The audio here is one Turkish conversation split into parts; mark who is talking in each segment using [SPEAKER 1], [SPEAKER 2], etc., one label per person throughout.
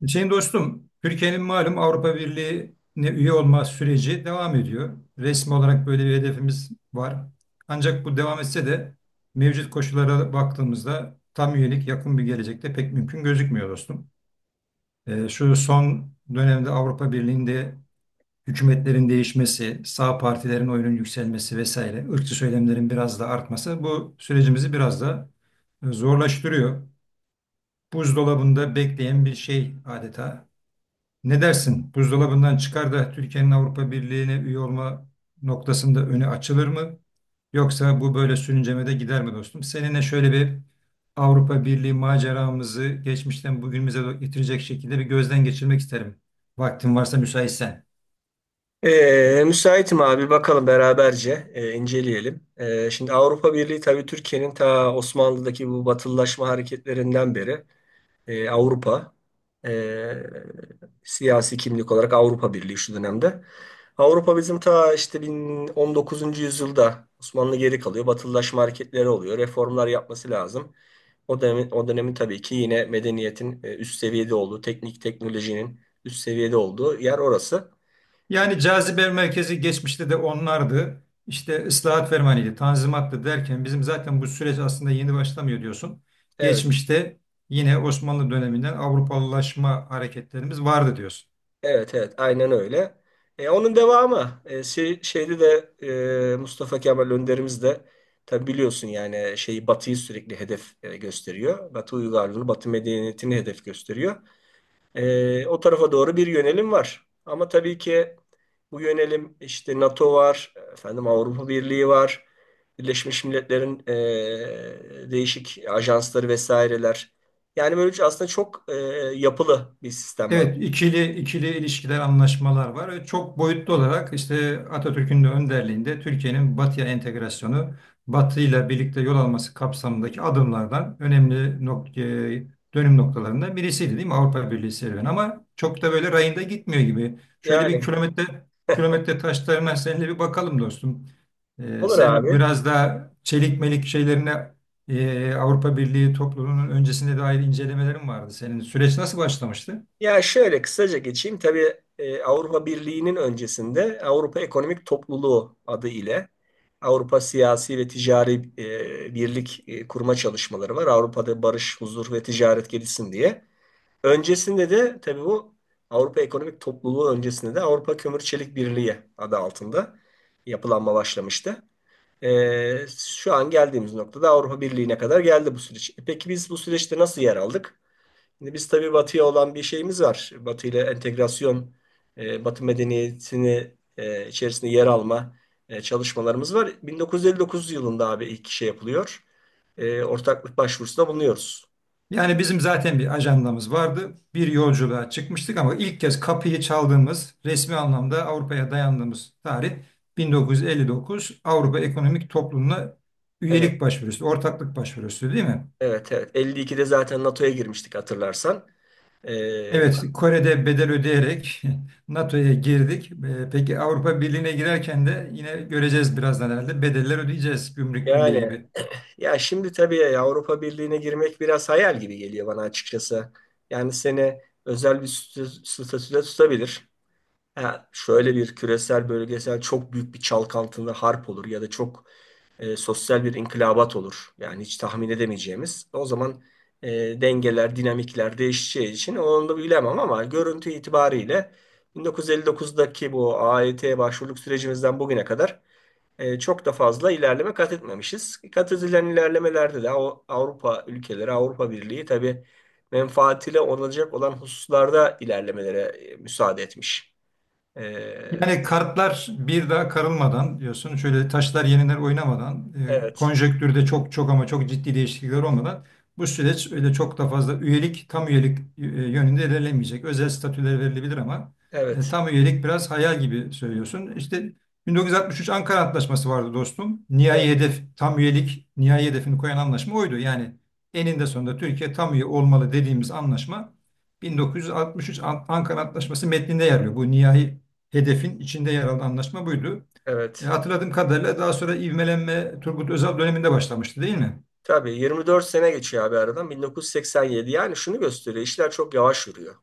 [SPEAKER 1] Hüseyin dostum, Türkiye'nin malum Avrupa Birliği'ne üye olma süreci devam ediyor. Resmi olarak böyle bir hedefimiz var. Ancak bu devam etse de mevcut koşullara baktığımızda tam üyelik yakın bir gelecekte pek mümkün gözükmüyor dostum. Şu son dönemde Avrupa Birliği'nde hükümetlerin değişmesi, sağ partilerin oyunun yükselmesi vesaire, ırkçı söylemlerin biraz da artması bu sürecimizi biraz da zorlaştırıyor. Buzdolabında bekleyen bir şey adeta. Ne dersin? Buzdolabından çıkar da Türkiye'nin Avrupa Birliği'ne üye olma noktasında önü açılır mı? Yoksa bu böyle sürüncemede gider mi dostum? Seninle şöyle bir Avrupa Birliği maceramızı geçmişten bugünümüze getirecek şekilde bir gözden geçirmek isterim. Vaktin varsa müsaitsen.
[SPEAKER 2] Müsaitim abi, bakalım beraberce, inceleyelim. Şimdi Avrupa Birliği tabii Türkiye'nin ta Osmanlı'daki bu batılılaşma hareketlerinden beri Avrupa e, siyasi kimlik olarak Avrupa Birliği şu dönemde. Avrupa bizim ta işte 19. yüzyılda Osmanlı geri kalıyor. Batılılaşma hareketleri oluyor. Reformlar yapması lazım. O dönemin, o dönemin tabii ki yine medeniyetin üst seviyede olduğu, teknik teknolojinin üst seviyede olduğu yer orası.
[SPEAKER 1] Yani cazibe merkezi geçmişte de onlardı. İşte ıslahat fermanıydı, tanzimattı derken bizim zaten bu süreç aslında yeni başlamıyor diyorsun.
[SPEAKER 2] Evet.
[SPEAKER 1] Geçmişte yine Osmanlı döneminden Avrupalılaşma hareketlerimiz vardı diyorsun.
[SPEAKER 2] Evet, evet, aynen öyle. Onun devamı şeyde de Mustafa Kemal Önderimiz de tabi biliyorsun, yani şeyi Batı'yı sürekli hedef gösteriyor. Batı uygarlığını, Batı medeniyetini hedef gösteriyor. O tarafa doğru bir yönelim var. Ama tabii ki bu yönelim işte NATO var, efendim Avrupa Birliği var, Birleşmiş Milletler'in değişik ajansları vesaireler. Yani böyle aslında çok yapılı bir sistem var.
[SPEAKER 1] Evet, ikili ilişkiler, anlaşmalar var. Ve çok boyutlu olarak işte Atatürk'ün de önderliğinde Türkiye'nin Batı'ya entegrasyonu, Batı ile birlikte yol alması kapsamındaki adımlardan önemli dönüm noktalarından birisiydi değil mi Avrupa Birliği serüveni? Ama çok da böyle rayında gitmiyor gibi. Şöyle bir
[SPEAKER 2] Yani,
[SPEAKER 1] kilometre taşlarına seninle bir bakalım dostum.
[SPEAKER 2] olur
[SPEAKER 1] Sen
[SPEAKER 2] abi.
[SPEAKER 1] biraz daha çelik melik şeylerine Avrupa Birliği topluluğunun öncesinde dair incelemelerin vardı. Senin süreç nasıl başlamıştı?
[SPEAKER 2] Ya, şöyle kısaca geçeyim. Tabii Avrupa Birliği'nin öncesinde Avrupa Ekonomik Topluluğu adı ile Avrupa Siyasi ve Ticari Birlik kurma çalışmaları var. Avrupa'da barış, huzur ve ticaret gelişsin diye. Öncesinde de tabii bu Avrupa Ekonomik Topluluğu öncesinde de Avrupa Kömür Çelik Birliği adı altında yapılanma başlamıştı. Şu an geldiğimiz noktada Avrupa Birliği'ne kadar geldi bu süreç. Peki, biz bu süreçte nasıl yer aldık? Şimdi biz tabii Batı'ya olan bir şeyimiz var. Batı ile entegrasyon, Batı medeniyetini içerisinde yer alma çalışmalarımız var. 1959 yılında abi ilk şey yapılıyor. Ortaklık başvurusunda bulunuyoruz.
[SPEAKER 1] Yani bizim zaten bir ajandamız vardı. Bir yolculuğa çıkmıştık ama ilk kez kapıyı çaldığımız resmi anlamda Avrupa'ya dayandığımız tarih 1959 Avrupa Ekonomik Toplumu'na
[SPEAKER 2] Evet,
[SPEAKER 1] üyelik başvurusu, ortaklık başvurusu değil mi?
[SPEAKER 2] evet, evet. 52'de zaten NATO'ya girmiştik hatırlarsan. E,
[SPEAKER 1] Evet, Kore'de bedel ödeyerek NATO'ya girdik. Peki Avrupa Birliği'ne girerken de yine göreceğiz birazdan herhalde bedeller ödeyeceğiz Gümrük Birliği
[SPEAKER 2] Yani,
[SPEAKER 1] gibi.
[SPEAKER 2] ya şimdi tabii Avrupa Birliği'ne girmek biraz hayal gibi geliyor bana açıkçası. Yani seni özel bir statüde tutabilir. Ha, şöyle bir küresel bölgesel çok büyük bir çalkantılı harp olur ya da çok sosyal bir inkılabat olur. Yani hiç tahmin edemeyeceğimiz. O zaman e, dengeler, dinamikler değişeceği için onu da bilemem ama görüntü itibariyle 1959'daki bu AYT başvuruluk sürecimizden bugüne kadar çok da fazla ilerleme kat etmemişiz. Kat edilen ilerlemelerde de Avrupa ülkeleri, Avrupa Birliği tabii menfaatiyle olacak olan hususlarda ilerlemelere müsaade etmiş. Ee,
[SPEAKER 1] Yani kartlar bir daha karılmadan diyorsun. Şöyle taşlar yeniler oynamadan,
[SPEAKER 2] evet,
[SPEAKER 1] konjektürde çok çok ama çok ciddi değişiklikler olmadan bu süreç öyle çok da fazla üyelik, tam üyelik yönünde ilerlemeyecek. Özel statüler verilebilir ama
[SPEAKER 2] evet,
[SPEAKER 1] tam üyelik biraz hayal gibi söylüyorsun. İşte 1963 Ankara Antlaşması vardı dostum. Nihai
[SPEAKER 2] evet.
[SPEAKER 1] hedef tam üyelik, nihai hedefini koyan anlaşma oydu. Yani eninde sonunda Türkiye tam üye olmalı dediğimiz anlaşma 1963 Ankara Antlaşması metninde yer alıyor. Bu nihai hedefin içinde yer alan anlaşma buydu.
[SPEAKER 2] Evet.
[SPEAKER 1] Hatırladığım kadarıyla daha sonra ivmelenme Turgut Özal döneminde başlamıştı değil mi?
[SPEAKER 2] Tabii 24 sene geçiyor abi aradan 1987. Yani şunu gösteriyor, işler çok yavaş yürüyor.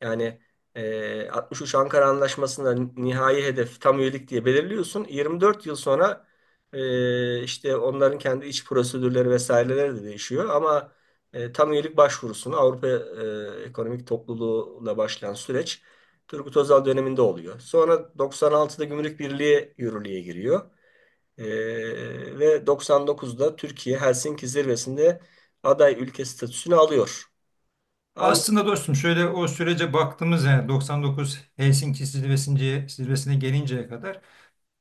[SPEAKER 2] Yani 63 Ankara Anlaşması'nda nihai hedef tam üyelik diye belirliyorsun. 24 yıl sonra işte onların kendi iç prosedürleri vesaireleri de değişiyor. Ama tam üyelik başvurusunu Avrupa Ekonomik Topluluğu'la başlayan süreç Turgut Özal döneminde oluyor. Sonra 96'da Gümrük Birliği yürürlüğe giriyor. Ve 99'da Türkiye Helsinki zirvesinde aday ülke statüsünü alıyor. Ama
[SPEAKER 1] Aslında dostum şöyle o sürece baktığımız yani 99 Helsinki zirvesine, gelinceye kadar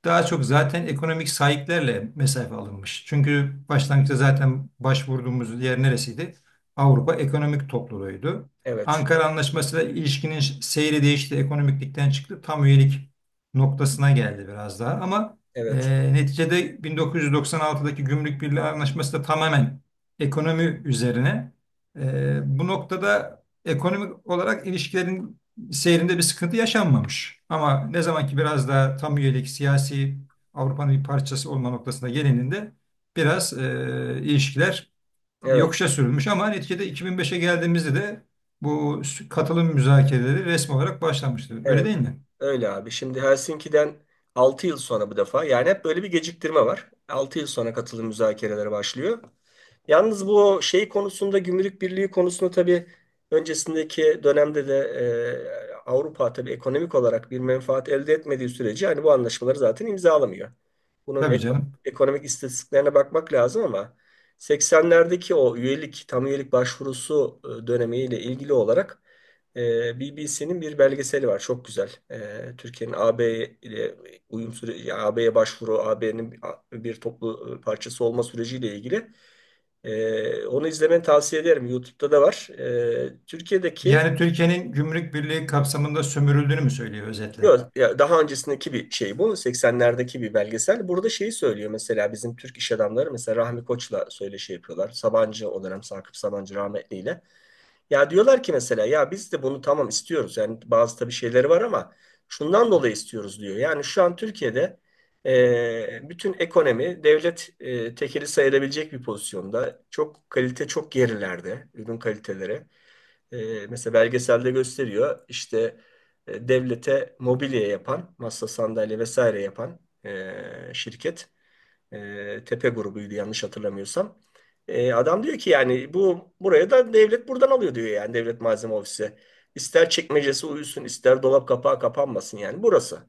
[SPEAKER 1] daha çok zaten ekonomik sahiplerle mesafe alınmış. Çünkü başlangıçta zaten başvurduğumuz yer neresiydi? Avrupa Ekonomik Topluluğu'ydu.
[SPEAKER 2] evet,
[SPEAKER 1] Ankara Anlaşması'yla ilişkinin seyri değişti, ekonomiklikten çıktı, tam üyelik noktasına geldi biraz daha. Ama e,
[SPEAKER 2] evet,
[SPEAKER 1] neticede 1996'daki Gümrük Birliği Anlaşması da tamamen ekonomi üzerine. Bu noktada ekonomik olarak ilişkilerin seyrinde bir sıkıntı yaşanmamış. Ama ne zaman ki biraz daha tam üyelik siyasi Avrupa'nın bir parçası olma noktasına gelininde biraz ilişkiler
[SPEAKER 2] evet,
[SPEAKER 1] yokuşa sürülmüş. Ama neticede 2005'e geldiğimizde de bu katılım müzakereleri resmi olarak başlamıştı. Öyle
[SPEAKER 2] evet.
[SPEAKER 1] değil mi?
[SPEAKER 2] Öyle abi. Şimdi Helsinki'den 6 yıl sonra bu defa yani hep böyle bir geciktirme var. 6 yıl sonra katılım müzakereleri başlıyor. Yalnız bu şey konusunda, gümrük birliği konusunda tabii öncesindeki dönemde de Avrupa tabii ekonomik olarak bir menfaat elde etmediği sürece hani bu anlaşmaları zaten imzalamıyor. Bunun
[SPEAKER 1] Tabii canım.
[SPEAKER 2] ekonomik istatistiklerine bakmak lazım ama 80'lerdeki o üyelik, tam üyelik başvurusu dönemiyle ilgili olarak BBC'nin bir belgeseli var. Çok güzel. Türkiye'nin AB ile uyum süreci, AB'ye başvuru, AB'nin bir toplu parçası olma süreciyle ilgili. Onu izlemeni tavsiye ederim. YouTube'da da var. Türkiye'deki
[SPEAKER 1] Yani Türkiye'nin gümrük birliği kapsamında sömürüldüğünü mü söylüyor özetle?
[SPEAKER 2] yok, ya daha öncesindeki bir şey bu. 80'lerdeki bir belgesel. Burada şeyi söylüyor mesela, bizim Türk iş adamları mesela Rahmi Koç'la söyleşi yapıyorlar. Sabancı o dönem, Sakıp Sabancı rahmetliyle. Ya diyorlar ki mesela, ya biz de bunu tamam istiyoruz. Yani bazı tabii şeyleri var ama şundan dolayı istiyoruz diyor. Yani şu an Türkiye'de bütün ekonomi devlet tekeli sayılabilecek bir pozisyonda. Çok kalite çok gerilerde ürün kaliteleri. Mesela belgeselde gösteriyor, işte devlete mobilya yapan, masa sandalye vesaire yapan şirket Tepe grubuydu yanlış hatırlamıyorsam. Adam diyor ki yani bu buraya da devlet buradan alıyor diyor, yani devlet malzeme ofisi. İster çekmecesi uyusun, ister dolap kapağı kapanmasın, yani burası.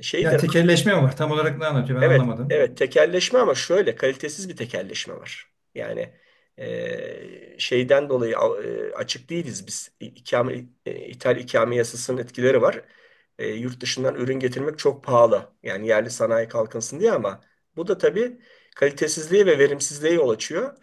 [SPEAKER 2] E, Şey
[SPEAKER 1] Yani
[SPEAKER 2] de
[SPEAKER 1] tekelleşme mi var? Tam olarak ne anlatıyor ben
[SPEAKER 2] Evet,
[SPEAKER 1] anlamadım.
[SPEAKER 2] evet, tekelleşme ama şöyle kalitesiz bir tekelleşme var. Yani şeyden dolayı açık değiliz biz. İkame, ithal ikame yasasının etkileri var. Yurt dışından ürün getirmek çok pahalı. Yani yerli sanayi kalkınsın diye, ama bu da tabii kalitesizliğe ve verimsizliğe yol açıyor.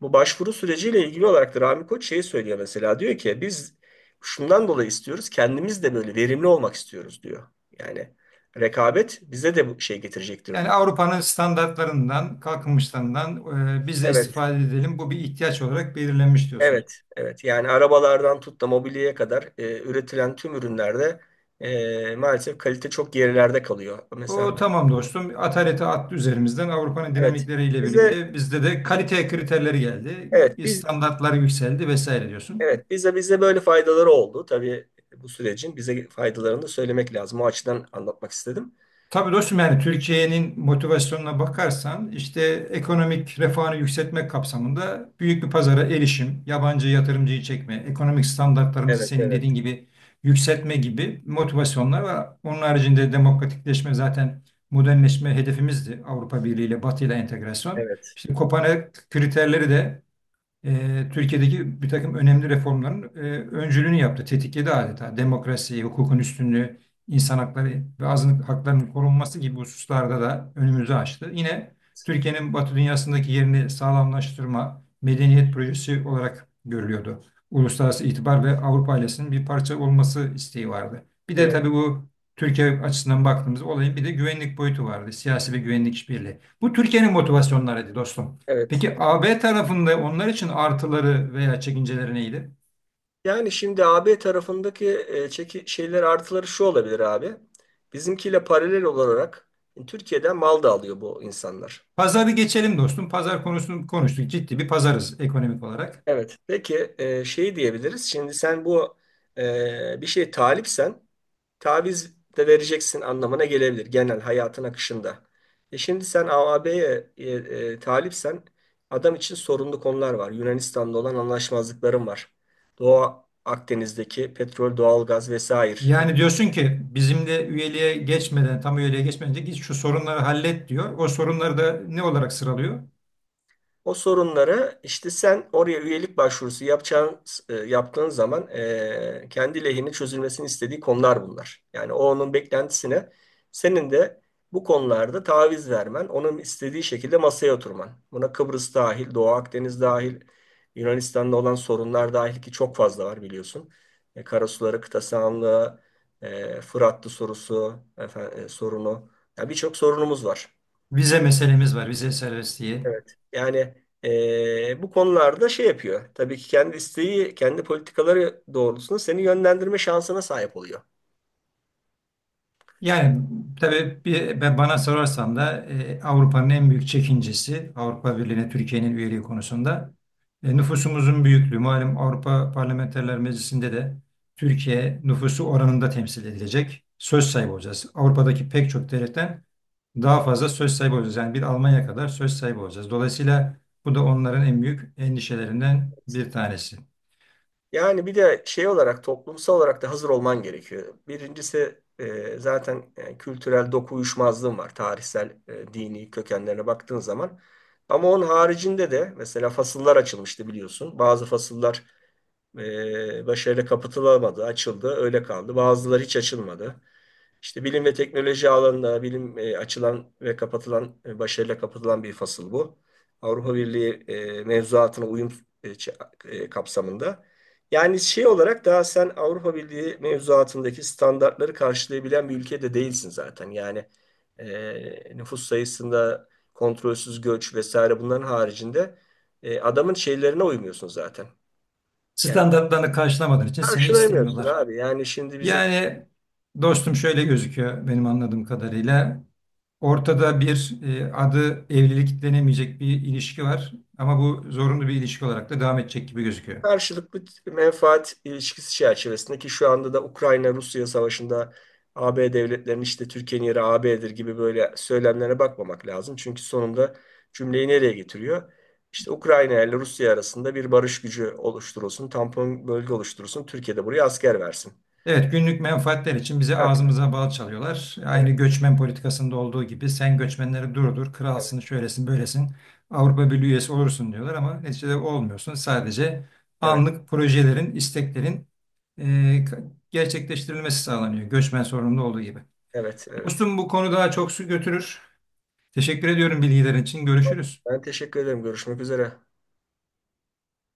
[SPEAKER 2] Bu başvuru süreciyle ilgili olarak da Rami Koç şeyi söylüyor mesela, diyor ki biz şundan dolayı istiyoruz, kendimiz de böyle verimli olmak istiyoruz diyor. Yani rekabet bize de bu şey getirecektir
[SPEAKER 1] Yani
[SPEAKER 2] diyor.
[SPEAKER 1] Avrupa'nın standartlarından, kalkınmışlarından biz de
[SPEAKER 2] Evet,
[SPEAKER 1] istifade edelim. Bu bir ihtiyaç olarak belirlenmiş diyorsun.
[SPEAKER 2] evet, evet. Yani arabalardan tut da mobilyaya kadar üretilen tüm ürünlerde maalesef kalite çok gerilerde kalıyor. Mesela
[SPEAKER 1] O tamam dostum. Ataleti attı üzerimizden. Avrupa'nın
[SPEAKER 2] evet.
[SPEAKER 1] dinamikleriyle
[SPEAKER 2] Bize
[SPEAKER 1] birlikte bizde de kalite kriterleri geldi.
[SPEAKER 2] evet, biz
[SPEAKER 1] Standartlar yükseldi vesaire diyorsun.
[SPEAKER 2] evet, bize böyle faydaları oldu. Tabii bu sürecin bize faydalarını da söylemek lazım. O açıdan anlatmak istedim.
[SPEAKER 1] Tabii dostum yani Türkiye'nin motivasyonuna bakarsan işte ekonomik refahını yükseltmek kapsamında büyük bir pazara erişim, yabancı yatırımcıyı çekme, ekonomik standartlarımızı
[SPEAKER 2] Evet,
[SPEAKER 1] senin
[SPEAKER 2] evet,
[SPEAKER 1] dediğin gibi yükseltme gibi motivasyonlar var. Onun haricinde demokratikleşme zaten modernleşme hedefimizdi Avrupa Birliği ile Batı ile entegrasyon.
[SPEAKER 2] evet,
[SPEAKER 1] İşte Kopenhag kriterleri de Türkiye'deki bir takım önemli reformların öncülüğünü yaptı, tetikledi adeta. Demokrasi, hukukun üstünlüğü, insan hakları ve azınlık haklarının korunması gibi hususlarda da önümüzü açtı. Yine Türkiye'nin Batı dünyasındaki yerini sağlamlaştırma, medeniyet projesi olarak görülüyordu. Uluslararası itibar ve Avrupa ailesinin bir parça olması isteği vardı. Bir de
[SPEAKER 2] evet,
[SPEAKER 1] tabii bu Türkiye açısından baktığımız olayın bir de güvenlik boyutu vardı. Siyasi ve güvenlik işbirliği. Bu Türkiye'nin motivasyonlarıydı dostum.
[SPEAKER 2] evet.
[SPEAKER 1] Peki A B tarafında onlar için artıları veya çekinceleri neydi?
[SPEAKER 2] Yani şimdi AB tarafındaki e, çeki şeyler artıları şu olabilir abi. Bizimkiyle paralel olarak Türkiye'den mal da alıyor bu insanlar.
[SPEAKER 1] Pazarı geçelim dostum. Pazar konusunu konuştuk. Ciddi bir pazarız ekonomik olarak.
[SPEAKER 2] Evet. Peki şey diyebiliriz. Şimdi sen bu bir şeye talipsen taviz de vereceksin anlamına gelebilir, genel hayatın akışında. E şimdi sen AAB'ye talipsen adam için sorunlu konular var. Yunanistan'da olan anlaşmazlıkların var. Doğu Akdeniz'deki petrol, doğalgaz vesaire.
[SPEAKER 1] Yani diyorsun ki bizim de üyeliğe geçmeden, tam üyeliğe geçmeden önce git şu sorunları hallet diyor. O sorunları da ne olarak sıralıyor?
[SPEAKER 2] O sorunları işte sen oraya üyelik başvurusu yapacağın, yaptığın zaman kendi lehine çözülmesini istediği konular bunlar. Yani o, onun beklentisine senin de bu konularda taviz vermen, onun istediği şekilde masaya oturman. Buna Kıbrıs dahil, Doğu Akdeniz dahil, Yunanistan'da olan sorunlar dahil, ki çok fazla var biliyorsun. Karasuları, kıta sahanlığı, Fırat'lı sorusu, efendim, sorunu. Ya, birçok sorunumuz var.
[SPEAKER 1] Vize meselemiz var, vize serbestliği.
[SPEAKER 2] Evet. Yani bu konularda şey yapıyor. Tabii ki kendi isteği, kendi politikaları doğrultusunda seni yönlendirme şansına sahip oluyor.
[SPEAKER 1] Yani tabii bir, ben bana sorarsan da Avrupa'nın en büyük çekincesi Avrupa Birliği'ne Türkiye'nin üyeliği konusunda nüfusumuzun büyüklüğü. Malum Avrupa Parlamenterler Meclisi'nde de Türkiye nüfusu oranında temsil edilecek. Söz sahibi olacağız. Avrupa'daki pek çok devletten daha fazla söz sahibi olacağız. Yani bir Almanya kadar söz sahibi olacağız. Dolayısıyla bu da onların en büyük endişelerinden bir tanesi.
[SPEAKER 2] Yani bir de şey olarak toplumsal olarak da hazır olman gerekiyor. Birincisi zaten kültürel doku uyuşmazlığın var. Tarihsel, dini kökenlerine baktığın zaman. Ama onun haricinde de mesela fasıllar açılmıştı biliyorsun. Bazı fasıllar başarıyla kapatılamadı, açıldı, öyle kaldı. Bazıları hiç açılmadı. İşte bilim ve teknoloji alanında bilim açılan ve kapatılan, başarıyla kapatılan bir fasıl bu. Avrupa Birliği mevzuatına uyum kapsamında. Yani şey olarak daha sen Avrupa Birliği mevzuatındaki standartları karşılayabilen bir ülkede değilsin zaten. Yani nüfus sayısında kontrolsüz göç vesaire bunların haricinde adamın şeylerine uymuyorsun zaten. Yani
[SPEAKER 1] Standartlarını karşılamadığın için seni
[SPEAKER 2] karşılayamıyorsun
[SPEAKER 1] istemiyorlar.
[SPEAKER 2] abi. Yani şimdi bizim
[SPEAKER 1] Yani dostum şöyle gözüküyor benim anladığım kadarıyla. Ortada bir adı evlilik denemeyecek bir ilişki var ama bu zorunlu bir ilişki olarak da devam edecek gibi gözüküyor.
[SPEAKER 2] karşılıklı menfaat ilişkisi çerçevesinde, ki şu anda da Ukrayna-Rusya savaşında AB devletlerinin işte Türkiye'nin yeri AB'dir gibi böyle söylemlere bakmamak lazım. Çünkü sonunda cümleyi nereye getiriyor? İşte Ukrayna ile Rusya arasında bir barış gücü oluşturulsun, tampon bölge oluşturulsun, Türkiye de buraya asker versin.
[SPEAKER 1] Evet günlük menfaatler için bize
[SPEAKER 2] Tabii,
[SPEAKER 1] ağzımıza bal çalıyorlar. Aynı
[SPEAKER 2] evet,
[SPEAKER 1] göçmen politikasında olduğu gibi sen göçmenleri durdur,
[SPEAKER 2] evet,
[SPEAKER 1] kralsın, şöylesin, böylesin, Avrupa Birliği üyesi olursun diyorlar ama neticede olmuyorsun. Sadece
[SPEAKER 2] evet,
[SPEAKER 1] anlık projelerin, isteklerin e, gerçekleştirilmesi sağlanıyor göçmen sorununda olduğu gibi.
[SPEAKER 2] evet, evet.
[SPEAKER 1] Dostum bu konu daha çok su götürür. Teşekkür ediyorum bilgilerin için.
[SPEAKER 2] Ben
[SPEAKER 1] Görüşürüz.
[SPEAKER 2] teşekkür ederim. Görüşmek üzere.